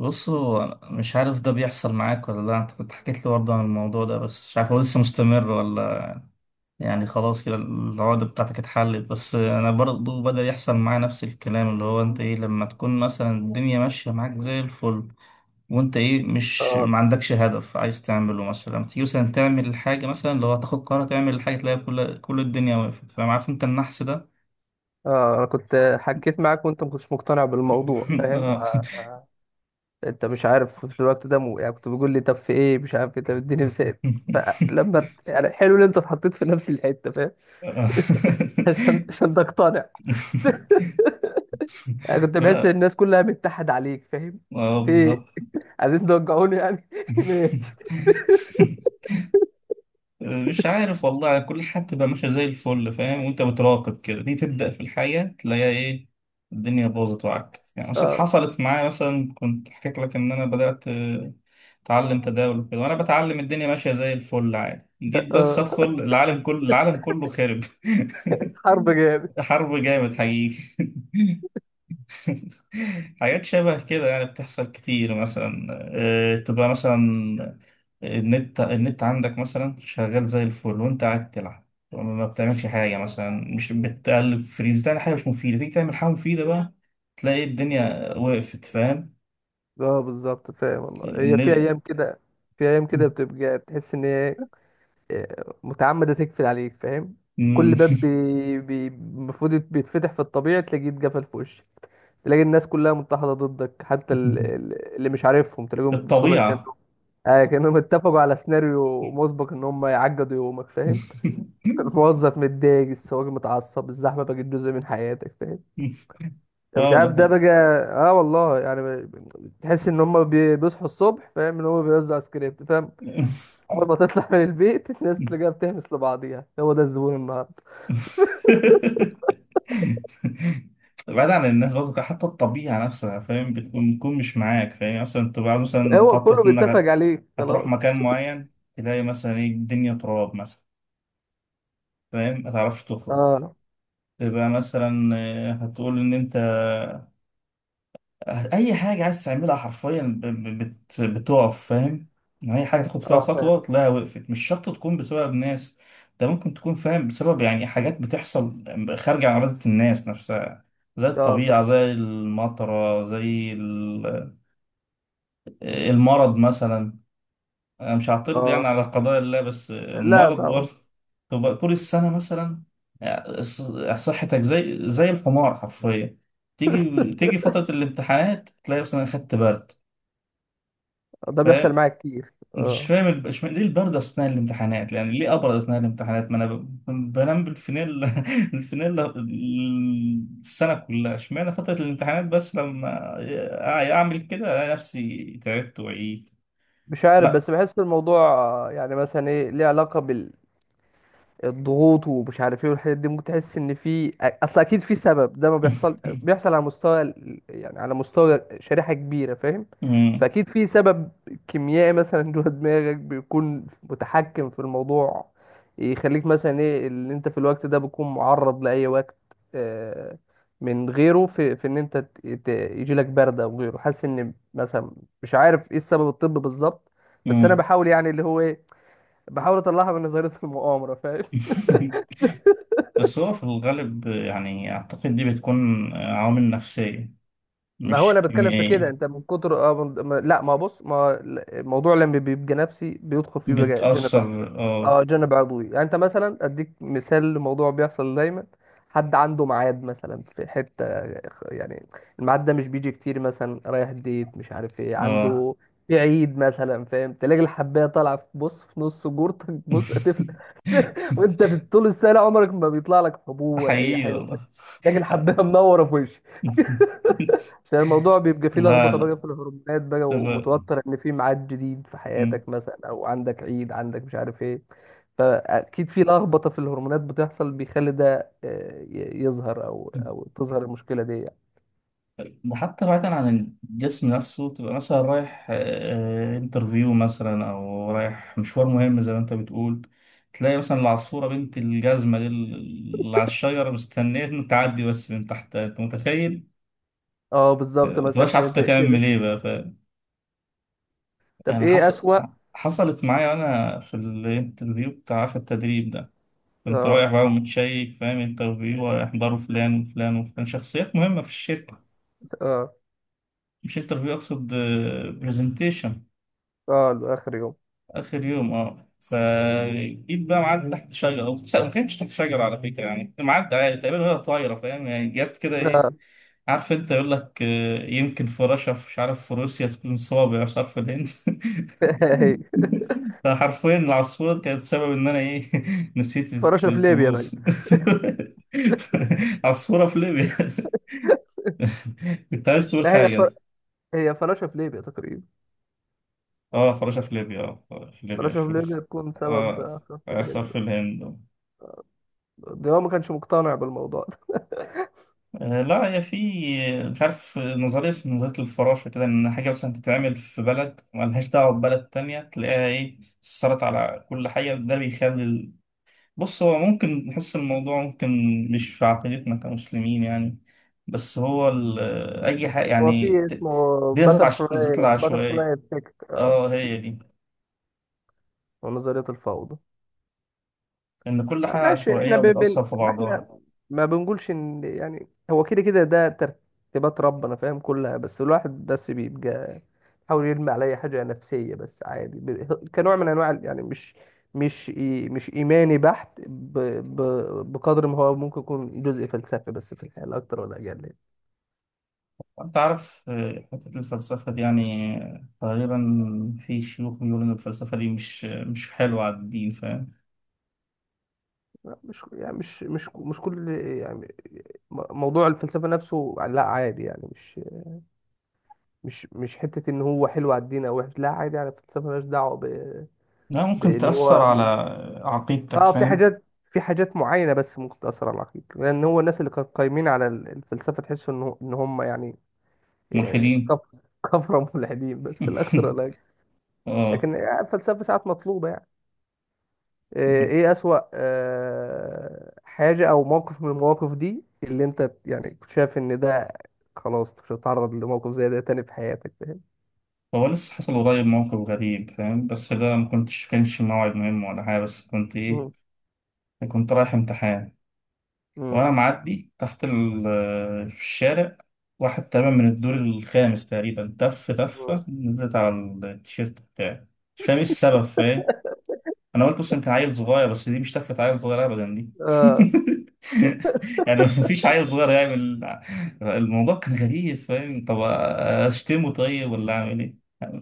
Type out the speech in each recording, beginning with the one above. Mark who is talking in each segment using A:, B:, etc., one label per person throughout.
A: بص هو مش عارف ده بيحصل معاك ولا لا انت كنت حكيت لي برضه عن الموضوع ده، بس مش عارف هو لسه مستمر ولا. يعني خلاص كده العقدة بتاعتك اتحلت، بس انا برضه بدأ يحصل معايا نفس الكلام، اللي هو انت ايه لما تكون مثلا الدنيا ماشية معاك زي الفل، وانت ايه مش
B: اه
A: ما عندكش هدف عايز تعمله، مثلا لما تيجي مثلا تعمل الحاجة، مثلا اللي هو تاخد قرار تعمل الحاجة، تلاقي كل الدنيا وقفت. فاهم عارف انت النحس ده؟
B: اه انا كنت حكيت معاك وانت ما كنتش مقتنع بالموضوع فاهم آه. انت مش عارف في الوقت ده يعني كنت بتقول لي طب في ايه مش عارف ايه. طب اديني مثال. يعني حلو ان انت اتحطيت في نفس الحته فاهم.
A: اه
B: عشان تقتنع. انا كنت بحس ان
A: لا
B: الناس كلها متحد عليك فاهم.
A: اه
B: في إيه؟
A: بالظبط.
B: عايزين توجعوني يعني ماشي.
A: مش عارف والله، كل حاجة بتبقى ماشية زي الفل فاهم، وانت بتراقب كده دي تبدأ في الحياة تلاقيها ايه، الدنيا باظت وعكت. يعني مثلا
B: اه
A: حصلت معايا مثلا، كنت حكيت لك ان انا بدأت اتعلم تداول وكده، وانا بتعلم الدنيا ماشية زي الفل عادي، جيت بس
B: اه
A: ادخل العالم كله، العالم كله خرب.
B: حرب جامد.
A: حرب جامد حقيقي. حاجات شبه كده يعني بتحصل كتير. مثلا تبقى مثلا النت عندك مثلا شغال زي الفل وانت قاعد تلعب، ما بتعملش حاجة مثلا، مش بتقلب فريز، ده حاجة مش مفيدة. تيجي تعمل حاجة مفيدة بقى تلاقي الدنيا وقفت. فاهم
B: اه بالظبط فاهم، والله هي في
A: الن-
B: ايام كده، في ايام كده بتبقى تحس ان هي متعمدة تقفل عليك فاهم.
A: مم.
B: كل باب المفروض بيتفتح في الطبيعي، تلاقيه اتقفل في وشك. تلاقي الناس كلها متحدة ضدك، حتى اللي مش عارفهم تلاقيهم بيبصوا لك
A: الطبيعة.
B: كأنهم اتفقوا على سيناريو مسبق ان هم يعقدوا يومك فاهم. الموظف متضايق، السواق متعصب، الزحمة بقت جزء من حياتك فاهم، يعني مش
A: اه ده
B: عارف ده
A: حقيقي.
B: بقى. اه والله، يعني تحس ان هم بيصحوا الصبح فاهم، ان هم بيوزعوا سكريبت فاهم. اول ما تطلع من البيت، الناس تلاقيها بتهمس لبعضيها: هو ده الزبون النهارده.
A: بعيد عن الناس برضه، حتى الطبيعة نفسها فاهم، بتكون مش معاك. فاهم يعني مثلا تبقى عاوز، مثلا
B: هو
A: مخطط
B: كله
A: إنك
B: بيتفق عليه
A: هتروح
B: خلاص.
A: مكان معين، تلاقي مثلا ايه الدنيا تراب مثلا، فاهم متعرفش تخرج.
B: اه،
A: تبقى مثلا هتقول إن أنت اي حاجه عايز تعملها حرفيا بتقف. فاهم يعني اي حاجه تاخد فيها
B: اه، فاهم.
A: خطوه تلاقيها وقفت. مش شرط تكون بسبب ناس، ده ممكن تكون فاهم بسبب يعني حاجات بتحصل خارجه عن ارادة الناس نفسها، زي
B: اه،
A: الطبيعه،
B: فاهم.
A: زي المطره، المرض مثلا. انا مش هعترض
B: اه،
A: يعني على قضاء الله، بس
B: لا
A: المرض
B: طبعا.
A: برضه تبقى طول السنه مثلا صحتك زي الحمار حرفيا، تيجي فترة الامتحانات تلاقي مثلا خدت برد.
B: ده بيحصل معايا كتير،
A: فمش
B: اه.
A: فاهم ليه البرد اثناء الامتحانات، يعني ليه ابرد اثناء الامتحانات؟ ما انا بنام بالفانيلا. الفانيلا السنه كلها، اشمعنى فتره الامتحانات بس لما اعمل كده الاقي نفسي تعبت وعيت.
B: مش عارف،
A: لا.
B: بس بحس الموضوع يعني مثلا ايه، ليه علاقة الضغوط ومش عارف ايه والحاجات دي. ممكن تحس ان في اصل. اكيد في سبب، ده ما بيحصل بيحصل على مستوى يعني على مستوى شريحة كبيرة فاهم.
A: أمم،
B: فاكيد في سبب كيميائي مثلا جوه دماغك بيكون متحكم في الموضوع، يخليك مثلا ايه اللي انت في الوقت ده بتكون معرض لاي وقت آه، من غيره، في ان انت يجيلك برد او غيره، حاسس ان مثلا مش عارف ايه السبب الطبي بالظبط. بس انا
A: أمم.
B: بحاول، يعني اللي هو ايه، بحاول اطلعها من نظرية المؤامرة فاهم.
A: بس هو في الغالب يعني اعتقد دي بتكون عوامل نفسيه
B: ما هو انا
A: مش
B: بتكلم في كده،
A: كيميائيه،
B: انت من كتر اه من... ما... لا ما بص، ما الموضوع لما بيبقى نفسي بيدخل فيه بقى جانب ع-
A: بتاثر اه.
B: اه جانب عضوي. يعني انت مثلا اديك مثال لموضوع بيحصل دايما، حد عنده ميعاد مثلا في حته، يعني الميعاد ده مش بيجي كتير، مثلا رايح ديت مش عارف ايه،
A: اه
B: عنده في عيد مثلا فاهم، تلاقي الحبايه طالعه في، بص، في نص جورتك، بص هتفل. وانت في طول السنه عمرك ما بيطلع لك حبوب ولا اي
A: حقيقي
B: حاجه.
A: والله.
B: تلاقي الحبايه منوره في، عشان الموضوع بيبقى فيه
A: لا
B: لخبطه
A: لا،
B: بقى في الهرمونات بقى،
A: تبقى
B: ومتوتر ان في ميعاد جديد في
A: مم.
B: حياتك مثلا، او عندك عيد، عندك مش عارف ايه. فاكيد في لخبطه في الهرمونات بتحصل، بيخلي ده يظهر، او تظهر المشكله دي يعني.
A: ده حتى بعيدا عن الجسم نفسه، تبقى مثلا رايح انترفيو مثلا او رايح مشوار مهم، زي ما انت بتقول تلاقي مثلا العصفورة بنت الجزمة دي اللي على الشجرة مستنية إن تعدي بس من تحتها، انت متخيل؟
B: اه بالظبط،
A: ما
B: مثلا
A: تبقاش
B: حاجه
A: عارف انت
B: زي كده.
A: تعمل ايه بقى. ف
B: طب
A: يعني
B: ايه اسوأ؟
A: حصلت معايا انا في الانترفيو، بتاع في التدريب ده كنت
B: اه،
A: رايح بقى ومتشيك فاهم، انترفيو هيحضروا فلان وفلان وفلان، شخصيات مهمة في الشركة.
B: اه،
A: مش انترفيو، اقصد برزنتيشن،
B: اه، لاخر يوم.
A: اخر يوم اه. فجيت بقى معدي تحت شجره، او لا، ما كانتش تحت شجره على فكره، يعني معدي عادي تقريبا وهي طايره فاهم، يعني جت كده ايه،
B: اه
A: عارف انت يقول لك يمكن في رشا مش عارف، في روسيا تكون صوابع مش عارف الهند.
B: هي.
A: فحرفيا العصفورة كانت سبب ان انا ايه، نسيت
B: فراشه في ليبيا بقى.
A: تبوظ. عصفورة في ليبيا. كنت عايز تقول
B: لا
A: حاجة؟
B: هي فراشه في ليبيا تقريبا.
A: اه فراشة في ليبيا، في ليبيا مش
B: فراشه
A: في
B: في ليبيا
A: روسيا.
B: تكون سبب
A: اه
B: خطف
A: آثار
B: الهند.
A: في الهند.
B: ده هو ما كانش مقتنع بالموضوع.
A: آه لا، هي في مش عارف نظرية اسمها نظرية الفراشة كده، إن حاجة مثلا تتعمل في بلد ملهاش دعوة ببلد تانية تلاقيها إيه أثرت على كل حاجة، ده بيخلي ال... بص هو ممكن نحس الموضوع، ممكن مش في عقيدتنا كمسلمين يعني، بس هو ال... أي حاجة
B: هو
A: يعني
B: في اسمه
A: دي نظرية نظرية
B: باتر
A: العشوائية.
B: فلاي افكت، اه.
A: اه هي دي،
B: ونظرية الفوضى.
A: إن كل حاجة
B: ماشي،
A: عشوائية وبتأثر في
B: ما
A: بعضها.
B: احنا ما بنقولش ان يعني هو كده كده ده ترتيبات ربنا فاهم كلها، بس الواحد بس بيبقى يحاول يرمي على اي حاجة نفسية، بس عادي، كنوع من انواع يعني مش ايماني بحت، بقدر ما هو ممكن يكون جزء فلسفي بس في الحياة، لا اكتر ولا اقل.
A: وأنت عارف حتة الفلسفة دي يعني تقريبا في شيوخ بيقولوا إن الفلسفة دي مش مش حلوة على الدين. فاهم؟
B: مش يعني مش كل، يعني موضوع الفلسفة نفسه لا عادي، يعني مش حتة ان هو حلو على الدين او وحش. لا عادي، يعني الفلسفة مالهاش دعوة ب...
A: لا ممكن
B: بان
A: تأثر
B: هو
A: على
B: م-
A: عقيدتك
B: اه، في
A: فاهم.
B: حاجات في حاجات معينة، بس ممكن تأثر على العقيدة، لان هو الناس اللي كانت قايمين على الفلسفة تحس ان ان هم، يعني آه،
A: ملحدين.
B: كف- كفرة ملحدين، بس الاكثر لا أكتر ولا أقل.
A: اه.
B: لكن الفلسفة ساعات مطلوبة يعني. ايه اسوأ حاجة او موقف من المواقف دي اللي انت، يعني، كنت شايف ان ده خلاص مش هتتعرض لموقف زي ده تاني في حياتك فاهم؟
A: هو لسه حصل قريب موقف غريب فاهم، بس ده ما كنتش كانش موعد مهم ولا حاجة، بس كنت إيه،
B: مم.
A: كنت رايح امتحان
B: مم.
A: وانا معدي تحت في الشارع. واحد تقريبا من الدور الخامس تقريبا،
B: مم.
A: تفة نزلت على التيشيرت بتاعي. مش فاهم ايه السبب. فاهم انا قلت بس يمكن عيل صغير، بس دي مش تفة عيل صغير ابدا دي.
B: اه.
A: يعني مفيش عيل صغير يعمل. الموضوع كان غريب فاهم، طب اشتمه طيب ولا اعمل ايه؟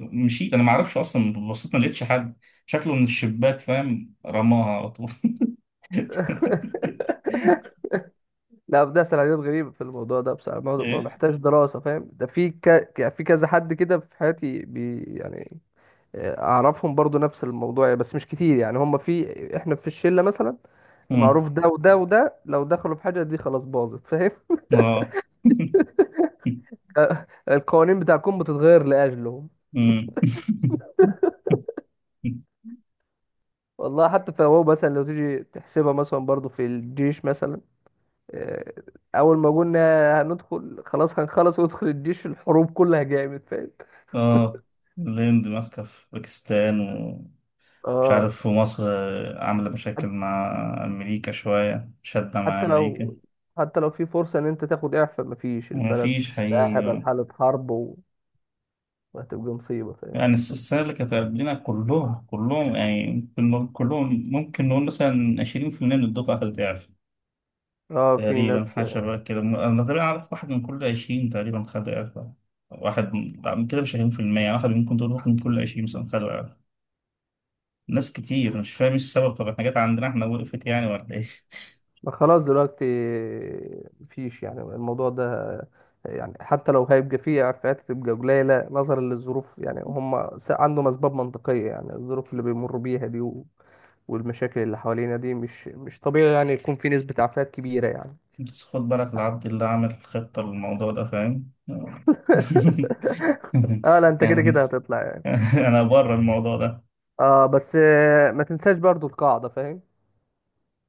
A: مشيت. انا ما اعرفش اصلا، بصيت ما لقيتش حد، شكله من الشباك فاهم، رماها على طول.
B: لا، ده سيناريوهات غريبة في الموضوع ده بصراحة. الموضوع ما
A: ايه
B: محتاج دراسة فاهم. ده في يعني في كذا حد كده في حياتي يعني أعرفهم برضو نفس الموضوع يعني، بس مش كتير يعني. هم، في إحنا في الشلة مثلا،
A: مم.
B: معروف ده وده وده، لو دخلوا في حاجة دي خلاص باظت فاهم.
A: اه
B: القوانين بتاعكم بتتغير لأجلهم.
A: مم.
B: والله حتى فهو مثلا لو تيجي تحسبها مثلا، برضو في الجيش مثلا، آه، أول ما قلنا هندخل، خلاص هنخلص وندخل الجيش، الحروب كلها جامد فاهم.
A: اه الهند ماسكة في باكستان ومش
B: اه
A: عارف، ومصر عاملة مشاكل
B: حت-
A: مع أمريكا، شوية شادة مع
B: حتى
A: أمريكا،
B: لو في فرصة إن أنت تاخد إعفاء، مفيش. البلد
A: ومفيش
B: بقى
A: حقيقي
B: هبل،
A: اه.
B: حالة حرب، وهتبقى مصيبة فاهم.
A: يعني السنة اللي كانت قبلنا كلهم، كلهم، ممكن نقول مثلا 20% من الدفعة خدت إعفاء،
B: اه، في
A: تقريبا
B: ناس.
A: حاجة شبه كده. أنا تقريبا أعرف واحد من كل 20 تقريبا خد إعفاء، واحد لا، من كده مش 20%، واحد ممكن تقول واحد من كل عشرين مثلا خد. ناس كتير مش فاهم ايه السبب، طب احنا جت عندنا احنا وقفت يعني ولا ايه؟
B: ما خلاص دلوقتي مفيش، يعني الموضوع ده، يعني حتى لو هيبقى فيه عفات تبقى قليلة نظرا للظروف، يعني هم عندهم أسباب منطقية، يعني الظروف اللي بيمروا بيها دي والمشاكل اللي حوالينا دي مش طبيعي يعني يكون في نسبة عفات كبيرة يعني.
A: بس خد بالك العبد اللي عامل خطة للموضوع ده فاهم.
B: اه، لا انت كده
A: يعني
B: كده هتطلع يعني.
A: انا بره الموضوع ده،
B: اه، بس ما تنساش برضو القاعدة فاهم،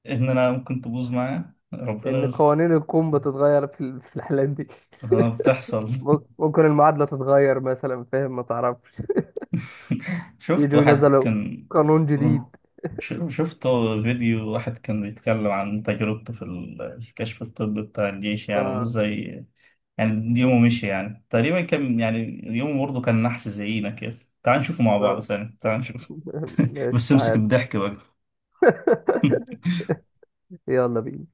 A: ان انا ممكن تبوظ معاه ربنا
B: ان
A: يستر.
B: قوانين الكون بتتغير في الحالات دي.
A: اه بتحصل.
B: ممكن المعادلة تتغير مثلا فاهم، ما تعرفش،
A: شفت
B: يجوا
A: واحد
B: نزلوا
A: كان،
B: قانون جديد.
A: شفت فيديو واحد كان بيتكلم عن تجربته في الكشف الطبي بتاع الجيش، يعني
B: اه،
A: وازاي يعني يومه مشي، يعني تقريبا كان يعني يومه برضه كان نحس زينا كده. تعال نشوفه مع بعض
B: اه.
A: ثاني، تعال نشوف.
B: ماشي
A: بس امسك
B: تعال.
A: الضحك بقى.
B: يلا بينا.